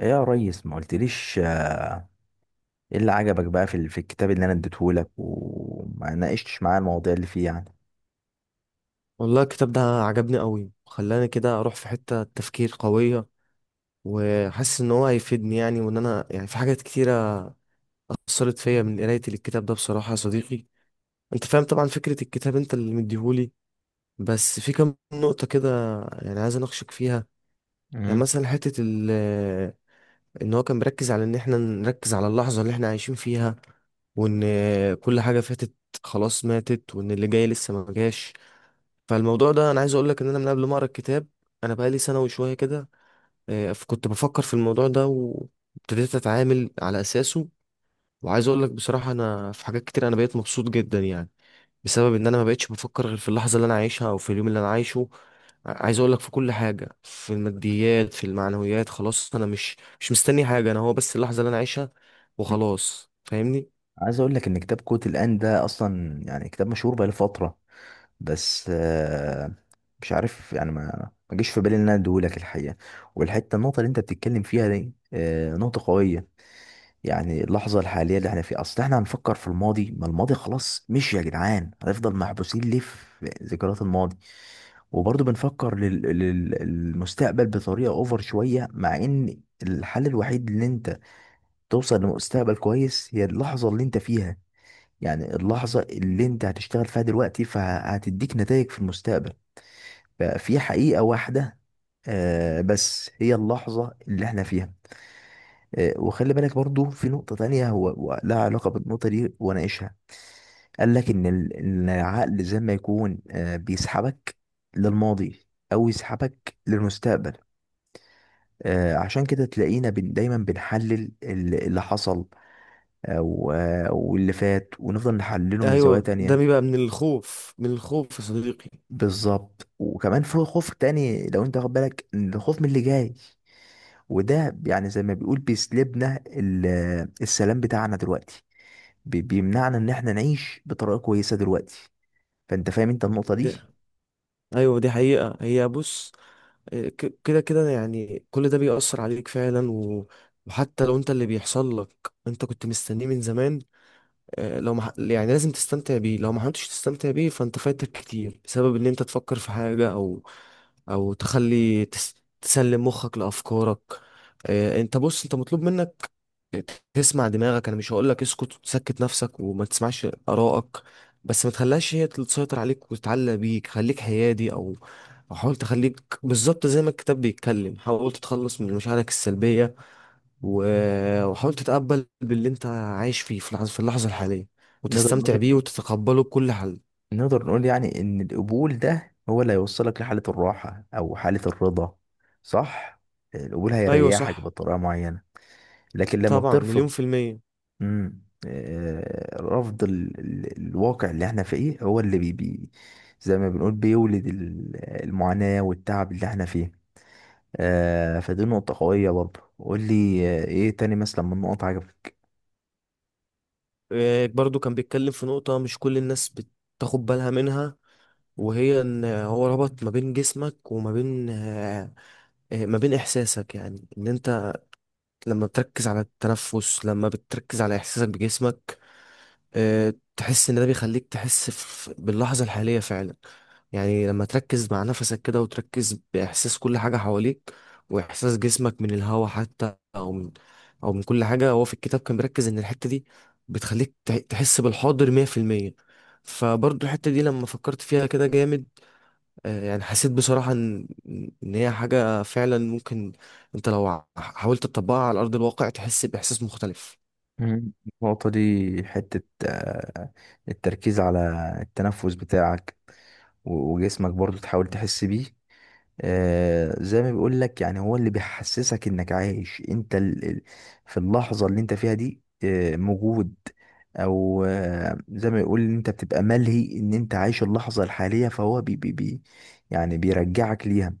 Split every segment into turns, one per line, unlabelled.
إيه يا ريس؟ ما قلتليش. ايه اللي عجبك بقى في في الكتاب اللي انا اديتهولك وما ناقشتش معاه المواضيع اللي فيه يعني.
والله الكتاب ده عجبني قوي، خلاني كده اروح في حتة تفكير قوية، وحاسس ان هو هيفيدني يعني، وان انا يعني في حاجات كتيرة اثرت فيا من قراية الكتاب ده بصراحة يا صديقي. انت فاهم طبعا فكرة الكتاب، انت اللي مديهولي. بس في كام نقطة كده يعني عايز اناقشك فيها. يعني
مم.
مثلا حتة ان هو كان بيركز على ان احنا نركز على اللحظة اللي احنا عايشين فيها، وان كل حاجة فاتت خلاص ماتت، وان اللي جاي لسه ما جاش. فالموضوع ده انا عايز اقول لك ان انا من قبل ما اقرا الكتاب، انا بقالي سنه وشويه كده، كنت بفكر في الموضوع ده وابتديت اتعامل على اساسه. وعايز اقول لك بصراحه انا في حاجات كتير انا بقيت مبسوط جدا يعني، بسبب ان انا ما بقتش بفكر غير في اللحظه اللي انا عايشها او في اليوم اللي انا عايشه. عايز اقول لك في كل حاجه، في الماديات، في المعنويات، خلاص انا مش مستني حاجه، انا هو بس اللحظه اللي انا عايشها وخلاصس، فاهمني.
عايز اقول لك ان كتاب كوت الان ده اصلا يعني كتاب مشهور بقاله فتره. بس مش عارف يعني ما جيش في بالي ان انا اديهولك الحقيقه. والحته النقطه اللي انت بتتكلم فيها دي نقطه قويه. يعني اللحظه الحاليه اللي احنا فيها، اصل احنا هنفكر في الماضي؟ ما الماضي خلاص مشي يا جدعان، هنفضل محبوسين ليه في ذكريات الماضي. وبرضه بنفكر للمستقبل بطريقة اوفر شوية، مع ان الحل الوحيد اللي انت توصل لمستقبل كويس هي اللحظة اللي انت فيها. يعني اللحظة اللي انت هتشتغل فيها دلوقتي فهتديك نتائج في المستقبل. ففي حقيقة واحدة بس، هي اللحظة اللي احنا فيها. وخلي بالك برضو في نقطة تانية، هو لها علاقة بالنقطة دي وناقشها. قال لك إن إن العقل زي ما يكون بيسحبك للماضي أو يسحبك للمستقبل. عشان كده تلاقينا بن دايما بنحلل اللي حصل أو واللي فات، ونفضل نحلله من زوايا
ايوه، ده
تانية.
بيبقى من الخوف، من الخوف يا صديقي.
بالظبط. وكمان في خوف تاني، لو انت واخد بالك، إن الخوف من اللي جاي، وده يعني زي ما بيقول بيسلبنا السلام بتاعنا دلوقتي، بيمنعنا ان احنا نعيش بطريقة كويسة دلوقتي. فانت فاهم انت النقطة دي.
ده ايوه، دي حقيقه، هي بص، كده كده، يعني كل ده بيأثر عليك فعلا. و... وحتى لو انت اللي بيحصل لك انت كنت مستنيه من زمان، يعني لازم تستمتع بيه، لو ما حاولتش تستمتع بيه فانت فايتك كتير، بسبب ان انت تفكر في حاجة، او تسلم مخك لأفكارك. انت بص، انت مطلوب منك تسمع دماغك. انا مش هقول لك اسكت وتسكت نفسك وما تسمعش ارائك، بس ما تخليهاش هي اللي تسيطر عليك وتتعلق بيك. خليك حيادي، أو حاول تخليك بالظبط زي ما الكتاب بيتكلم، حاول تتخلص من مشاعرك السلبية، وحاول تتقبل باللي انت عايش فيه في اللحظة الحالية،
نقدر
وتستمتع
نقول
بيه وتتقبله بكل حال.
نقدر نقول يعني إن القبول ده هو اللي هيوصلك لحالة الراحة أو حالة الرضا، صح؟ القبول
ايوه
هيريحك
صح.
بطريقة معينة. لكن لما
طبعا، مليون
بترفض.
في المية.
مم. رفض الواقع اللي احنا فيه هو اللي زي ما بنقول بيولد المعاناة والتعب اللي احنا فيه. فدي نقطة قوية برضه. قول لي ايه تاني مثلا من نقط عجبك.
برضو كان بيتكلم في نقطة مش كل الناس بتاخد بالها منها، وهي ان هو ربط ما بين جسمك وما بين ما بين احساسك، يعني ان انت لما بتركز على التنفس، لما بتركز على احساسك بجسمك، تحس ان ده بيخليك تحس باللحظة الحالية فعلا. يعني لما تركز مع نفسك كده وتركز بإحساس كل حاجة حواليك، وإحساس جسمك من الهوا حتى، أو من كل حاجة، هو في الكتاب كان بيركز إن الحتة دي بتخليك تحس بالحاضر 100%. فبرضه الحتة دي لما فكرت فيها كده جامد، يعني حسيت بصراحة إن هي حاجة فعلا ممكن أنت لو حاولت تطبقها على أرض الواقع تحس بإحساس مختلف.
مم. النقطة دي، حتة آه، التركيز على التنفس بتاعك وجسمك برضو تحاول تحس بيه. زي ما بيقول لك، يعني هو اللي بيحسسك انك عايش انت في اللحظة اللي انت فيها دي موجود. او زي ما يقول ان انت بتبقى ملهي ان انت عايش اللحظة الحالية، فهو بي بي بي يعني بيرجعك ليها.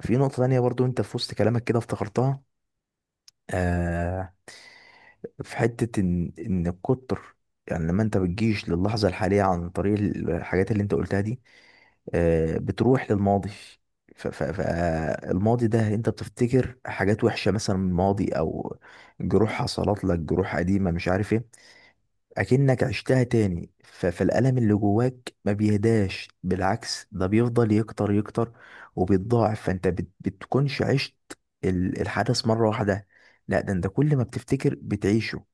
في نقطة تانية برضو، انت في وسط كلامك كده افتكرتها. آه في حتة ان الكتر. يعني لما انت بتجيش للحظة الحالية عن طريق الحاجات اللي انت قلتها دي، بتروح للماضي. فالماضي ده انت بتفتكر حاجات وحشة مثلا من الماضي، او جروح حصلت لك، جروح قديمة مش عارف ايه، اكنك عشتها تاني. فالألم اللي جواك ما بيهداش، بالعكس، ده بيفضل يكتر يكتر وبيتضاعف. فانت بتكونش عشت الحدث مرة واحدة، لا، ده انت كل ما بتفتكر بتعيشه.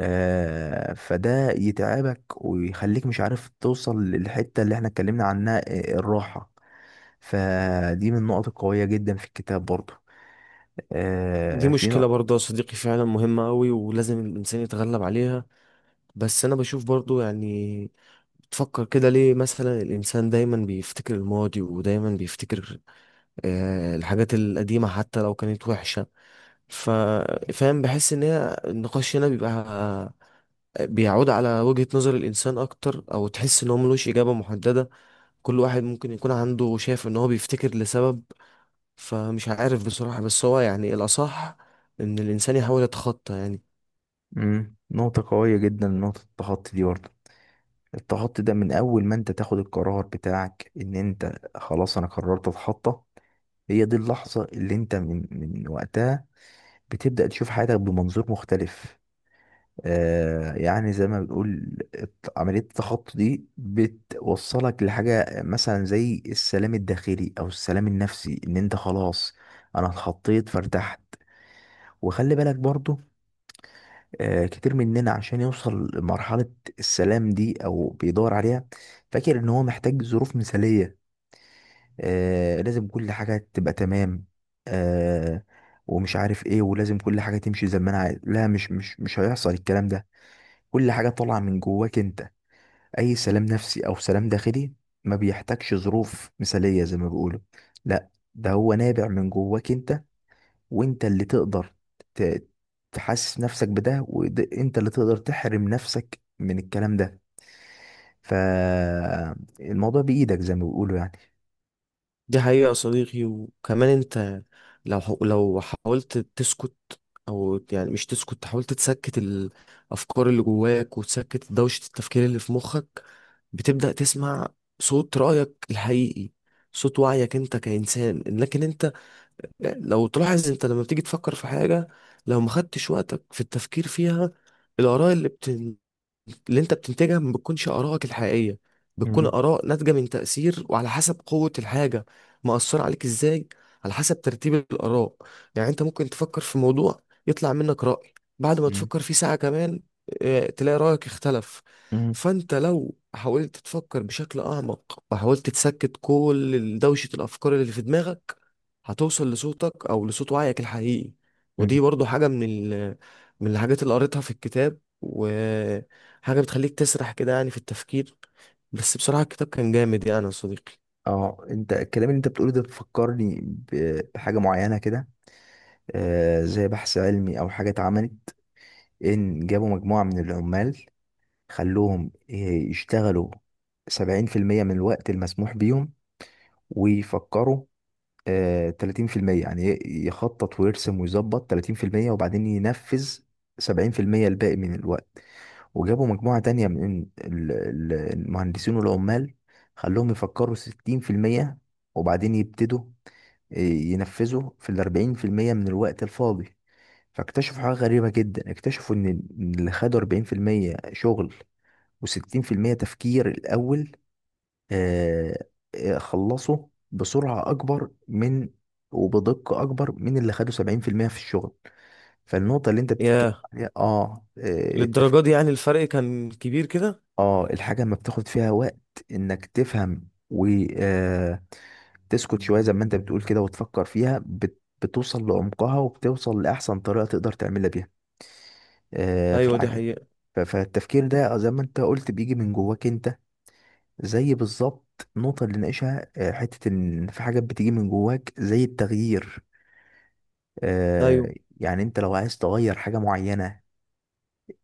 فده يتعبك ويخليك مش عارف توصل للحتة اللي احنا اتكلمنا عنها، الراحة. فدي من النقط القوية جدا في الكتاب برضو.
دي
آه في
مشكلة
نق-
برضه يا صديقي، فعلا مهمة أوي ولازم الإنسان يتغلب عليها. بس أنا بشوف برضه يعني، بتفكر كده ليه مثلا الإنسان دايما بيفتكر الماضي ودايما بيفتكر الحاجات القديمة حتى لو كانت وحشة؟ ف- فاهم، بحس إن هي النقاش هنا بيبقى بيعود على وجهة نظر الإنسان أكتر، أو تحس إن هو ملوش إجابة محددة، كل واحد ممكن يكون عنده شايف إن هو بيفتكر لسبب. فمش عارف بصراحة، بس هو يعني الأصح إن الإنسان يحاول يتخطى يعني.
مم. نقطة قوية جدا، نقطة التخطي دي برضو. التخطي ده من أول ما أنت تاخد القرار بتاعك إن أنت خلاص أنا قررت أتخطى، هي دي اللحظة اللي أنت من وقتها بتبدأ تشوف حياتك بمنظور مختلف. يعني زي ما بنقول عملية التخطي دي بتوصلك لحاجة مثلا زي السلام الداخلي أو السلام النفسي، إن أنت خلاص أنا اتخطيت فارتحت. وخلي بالك برضو، كتير مننا عشان يوصل لمرحلة السلام دي أو بيدور عليها فاكر إن هو محتاج ظروف مثالية، لازم كل حاجة تبقى تمام، آه، ومش عارف إيه، ولازم كل حاجة تمشي زي ما أنا عايز. لا، مش هيحصل الكلام ده. كل حاجة طالعة من جواك أنت. أي سلام نفسي أو سلام داخلي ما بيحتاجش ظروف مثالية زي ما بيقولوا، لا، ده هو نابع من جواك أنت، وانت اللي تقدر ت- تحسس نفسك بده، وانت اللي تقدر تحرم نفسك من الكلام ده. فالموضوع بإيدك زي ما بيقولوا يعني.
دي حقيقة يا صديقي، وكمان انت لو لو حاولت تسكت، او يعني مش تسكت، حاولت تسكت الافكار اللي جواك وتسكت دوشة التفكير اللي في مخك، بتبدأ تسمع صوت رأيك الحقيقي، صوت وعيك انت كإنسان. لكن انت لو تلاحظ، انت لما بتيجي تفكر في حاجة، لو ما خدتش وقتك في التفكير فيها، الآراء اللي انت بتنتجها ما بتكونش آرائك الحقيقية، بتكون
مم.
آراء ناتجة من تأثير، وعلى حسب قوة الحاجة مأثرة عليك ازاي، على حسب ترتيب الآراء. يعني انت ممكن تفكر في موضوع يطلع منك رأي، بعد ما
مم.
تفكر فيه ساعة كمان اه، تلاقي رأيك اختلف.
مم.
فانت لو حاولت تفكر بشكل أعمق، وحاولت تسكت كل دوشة الأفكار اللي في دماغك، هتوصل لصوتك أو لصوت وعيك الحقيقي.
مم.
ودي برضو حاجة من من الحاجات اللي قريتها في الكتاب، حاجة بتخليك تسرح كده يعني في التفكير. بس بصراحة الكتاب كان جامد يعني يا صديقي.
اه، انت الكلام اللي انت بتقوله ده بتفكرني بحاجة معينة كده. زي بحث علمي او حاجة اتعملت، ان جابوا مجموعة من العمال خلوهم يشتغلوا 70% من الوقت المسموح بيهم ويفكروا 30%، يعني يخطط ويرسم ويظبط 30% وبعدين ينفذ 70% الباقي من الوقت. وجابوا مجموعة تانية من المهندسين والعمال، خلوهم يفكروا 60% وبعدين يبتدوا ينفذوا في 40% من الوقت الفاضي. فاكتشفوا حاجة غريبة جدا، اكتشفوا إن اللي خدوا 40% شغل و60% تفكير الأول، آه، خلصوا بسرعة أكبر من وبدقة أكبر من اللي خدوا 70% في الشغل. فالنقطة اللي أنت بتتكلم
ياه،
عليها
للدرجة دي يعني الفرق كان كبير كده!
الحاجة ما بتاخد فيها وقت إنك تفهم و آه، تسكت شوية زي ما أنت بتقول كده وتفكر فيها بتوصل لعمقها وبتوصل لأحسن طريقة تقدر تعملها بيها في
أيوة، دي
الحاجة.
حقيقة.
فالتفكير ده زي ما أنت قلت بيجي من جواك أنت، زي بالظبط النقطة اللي ناقشها، حتة إن في حاجات بتيجي من جواك زي التغيير. آه،
أيوة
يعني أنت لو عايز تغير حاجة معينة،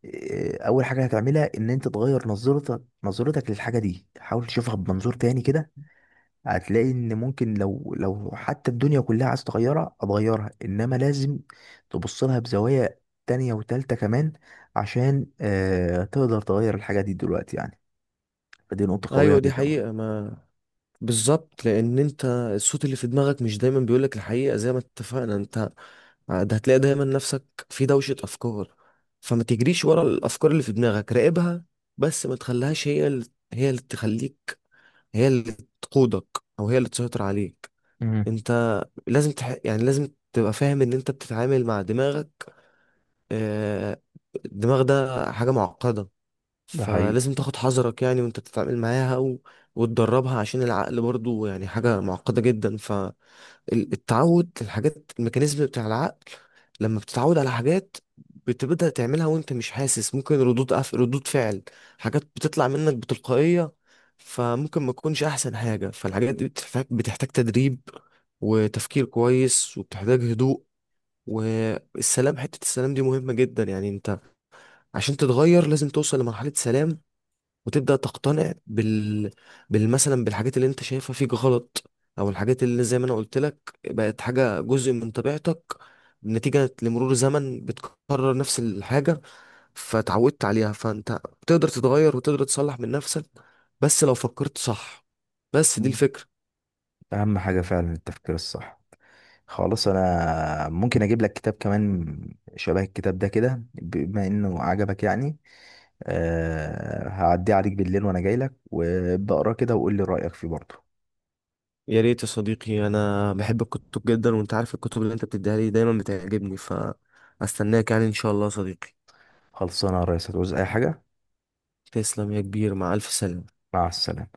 أول حاجة هتعملها إن أنت تغير نظرتك للحاجة دي، حاول تشوفها بمنظور تاني كده. هتلاقي إن ممكن لو حتى الدنيا كلها عايز تغيرها هتغيرها، إنما لازم تبص لها بزوايا تانية وتالتة كمان، عشان تقدر تغير الحاجة دي دلوقتي يعني. فدي نقطة قوية
أيوة دي
جدا
حقيقة،
برضه.
ما بالظبط، لأن أنت الصوت اللي في دماغك مش دايما بيقولك الحقيقة زي ما اتفقنا أنت، ده هتلاقي دايما نفسك في دوشة أفكار. فما تجريش ورا الأفكار اللي في دماغك، راقبها، بس ما تخليهاش هي اللي تخليك هي اللي تقودك، أو هي اللي تسيطر عليك.
مم.
انت لازم يعني لازم تبقى فاهم ان انت بتتعامل مع دماغك، آه، الدماغ ده حاجة معقدة،
ده حقيقي.
فلازم تاخد حذرك يعني وانت بتتعامل معاها، وتدربها، عشان العقل برضو يعني حاجة معقدة جدا. التعود، الحاجات، الميكانيزم بتاع العقل، لما بتتعود على حاجات بتبدأ تعملها وانت مش حاسس، ممكن ردود فعل، حاجات بتطلع منك بتلقائية، فممكن ما تكونش أحسن حاجة. فالحاجات دي بتحتاج تدريب وتفكير كويس وبتحتاج هدوء، والسلام، حتة السلام دي مهمة جدا يعني. انت عشان تتغير لازم توصل لمرحلة سلام، وتبدأ تقتنع بال مثلا بالحاجات اللي انت شايفها فيك غلط، او الحاجات اللي زي ما انا قلت لك بقت حاجة جزء من طبيعتك نتيجة لمرور زمن بتكرر نفس الحاجة فتعودت عليها. فانت تقدر تتغير وتقدر تصلح من نفسك بس لو فكرت صح. بس دي الفكرة.
اهم حاجة فعلا التفكير الصح. خلاص، انا ممكن اجيب لك كتاب كمان شبه الكتاب ده كده بما انه عجبك يعني. أه، هعديه عليك بالليل وانا جاي لك وابدا اقراه كده وقول لي رايك فيه برضه.
يا ريت يا صديقي، انا بحب الكتب جدا، وانت عارف الكتب اللي انت بتديها لي دايما بتعجبني، فاستناك يعني ان شاء الله يا صديقي.
خلصانه يا ريس، هتعوز اي حاجه.
تسلم يا كبير، مع الف سلامة.
مع السلامه.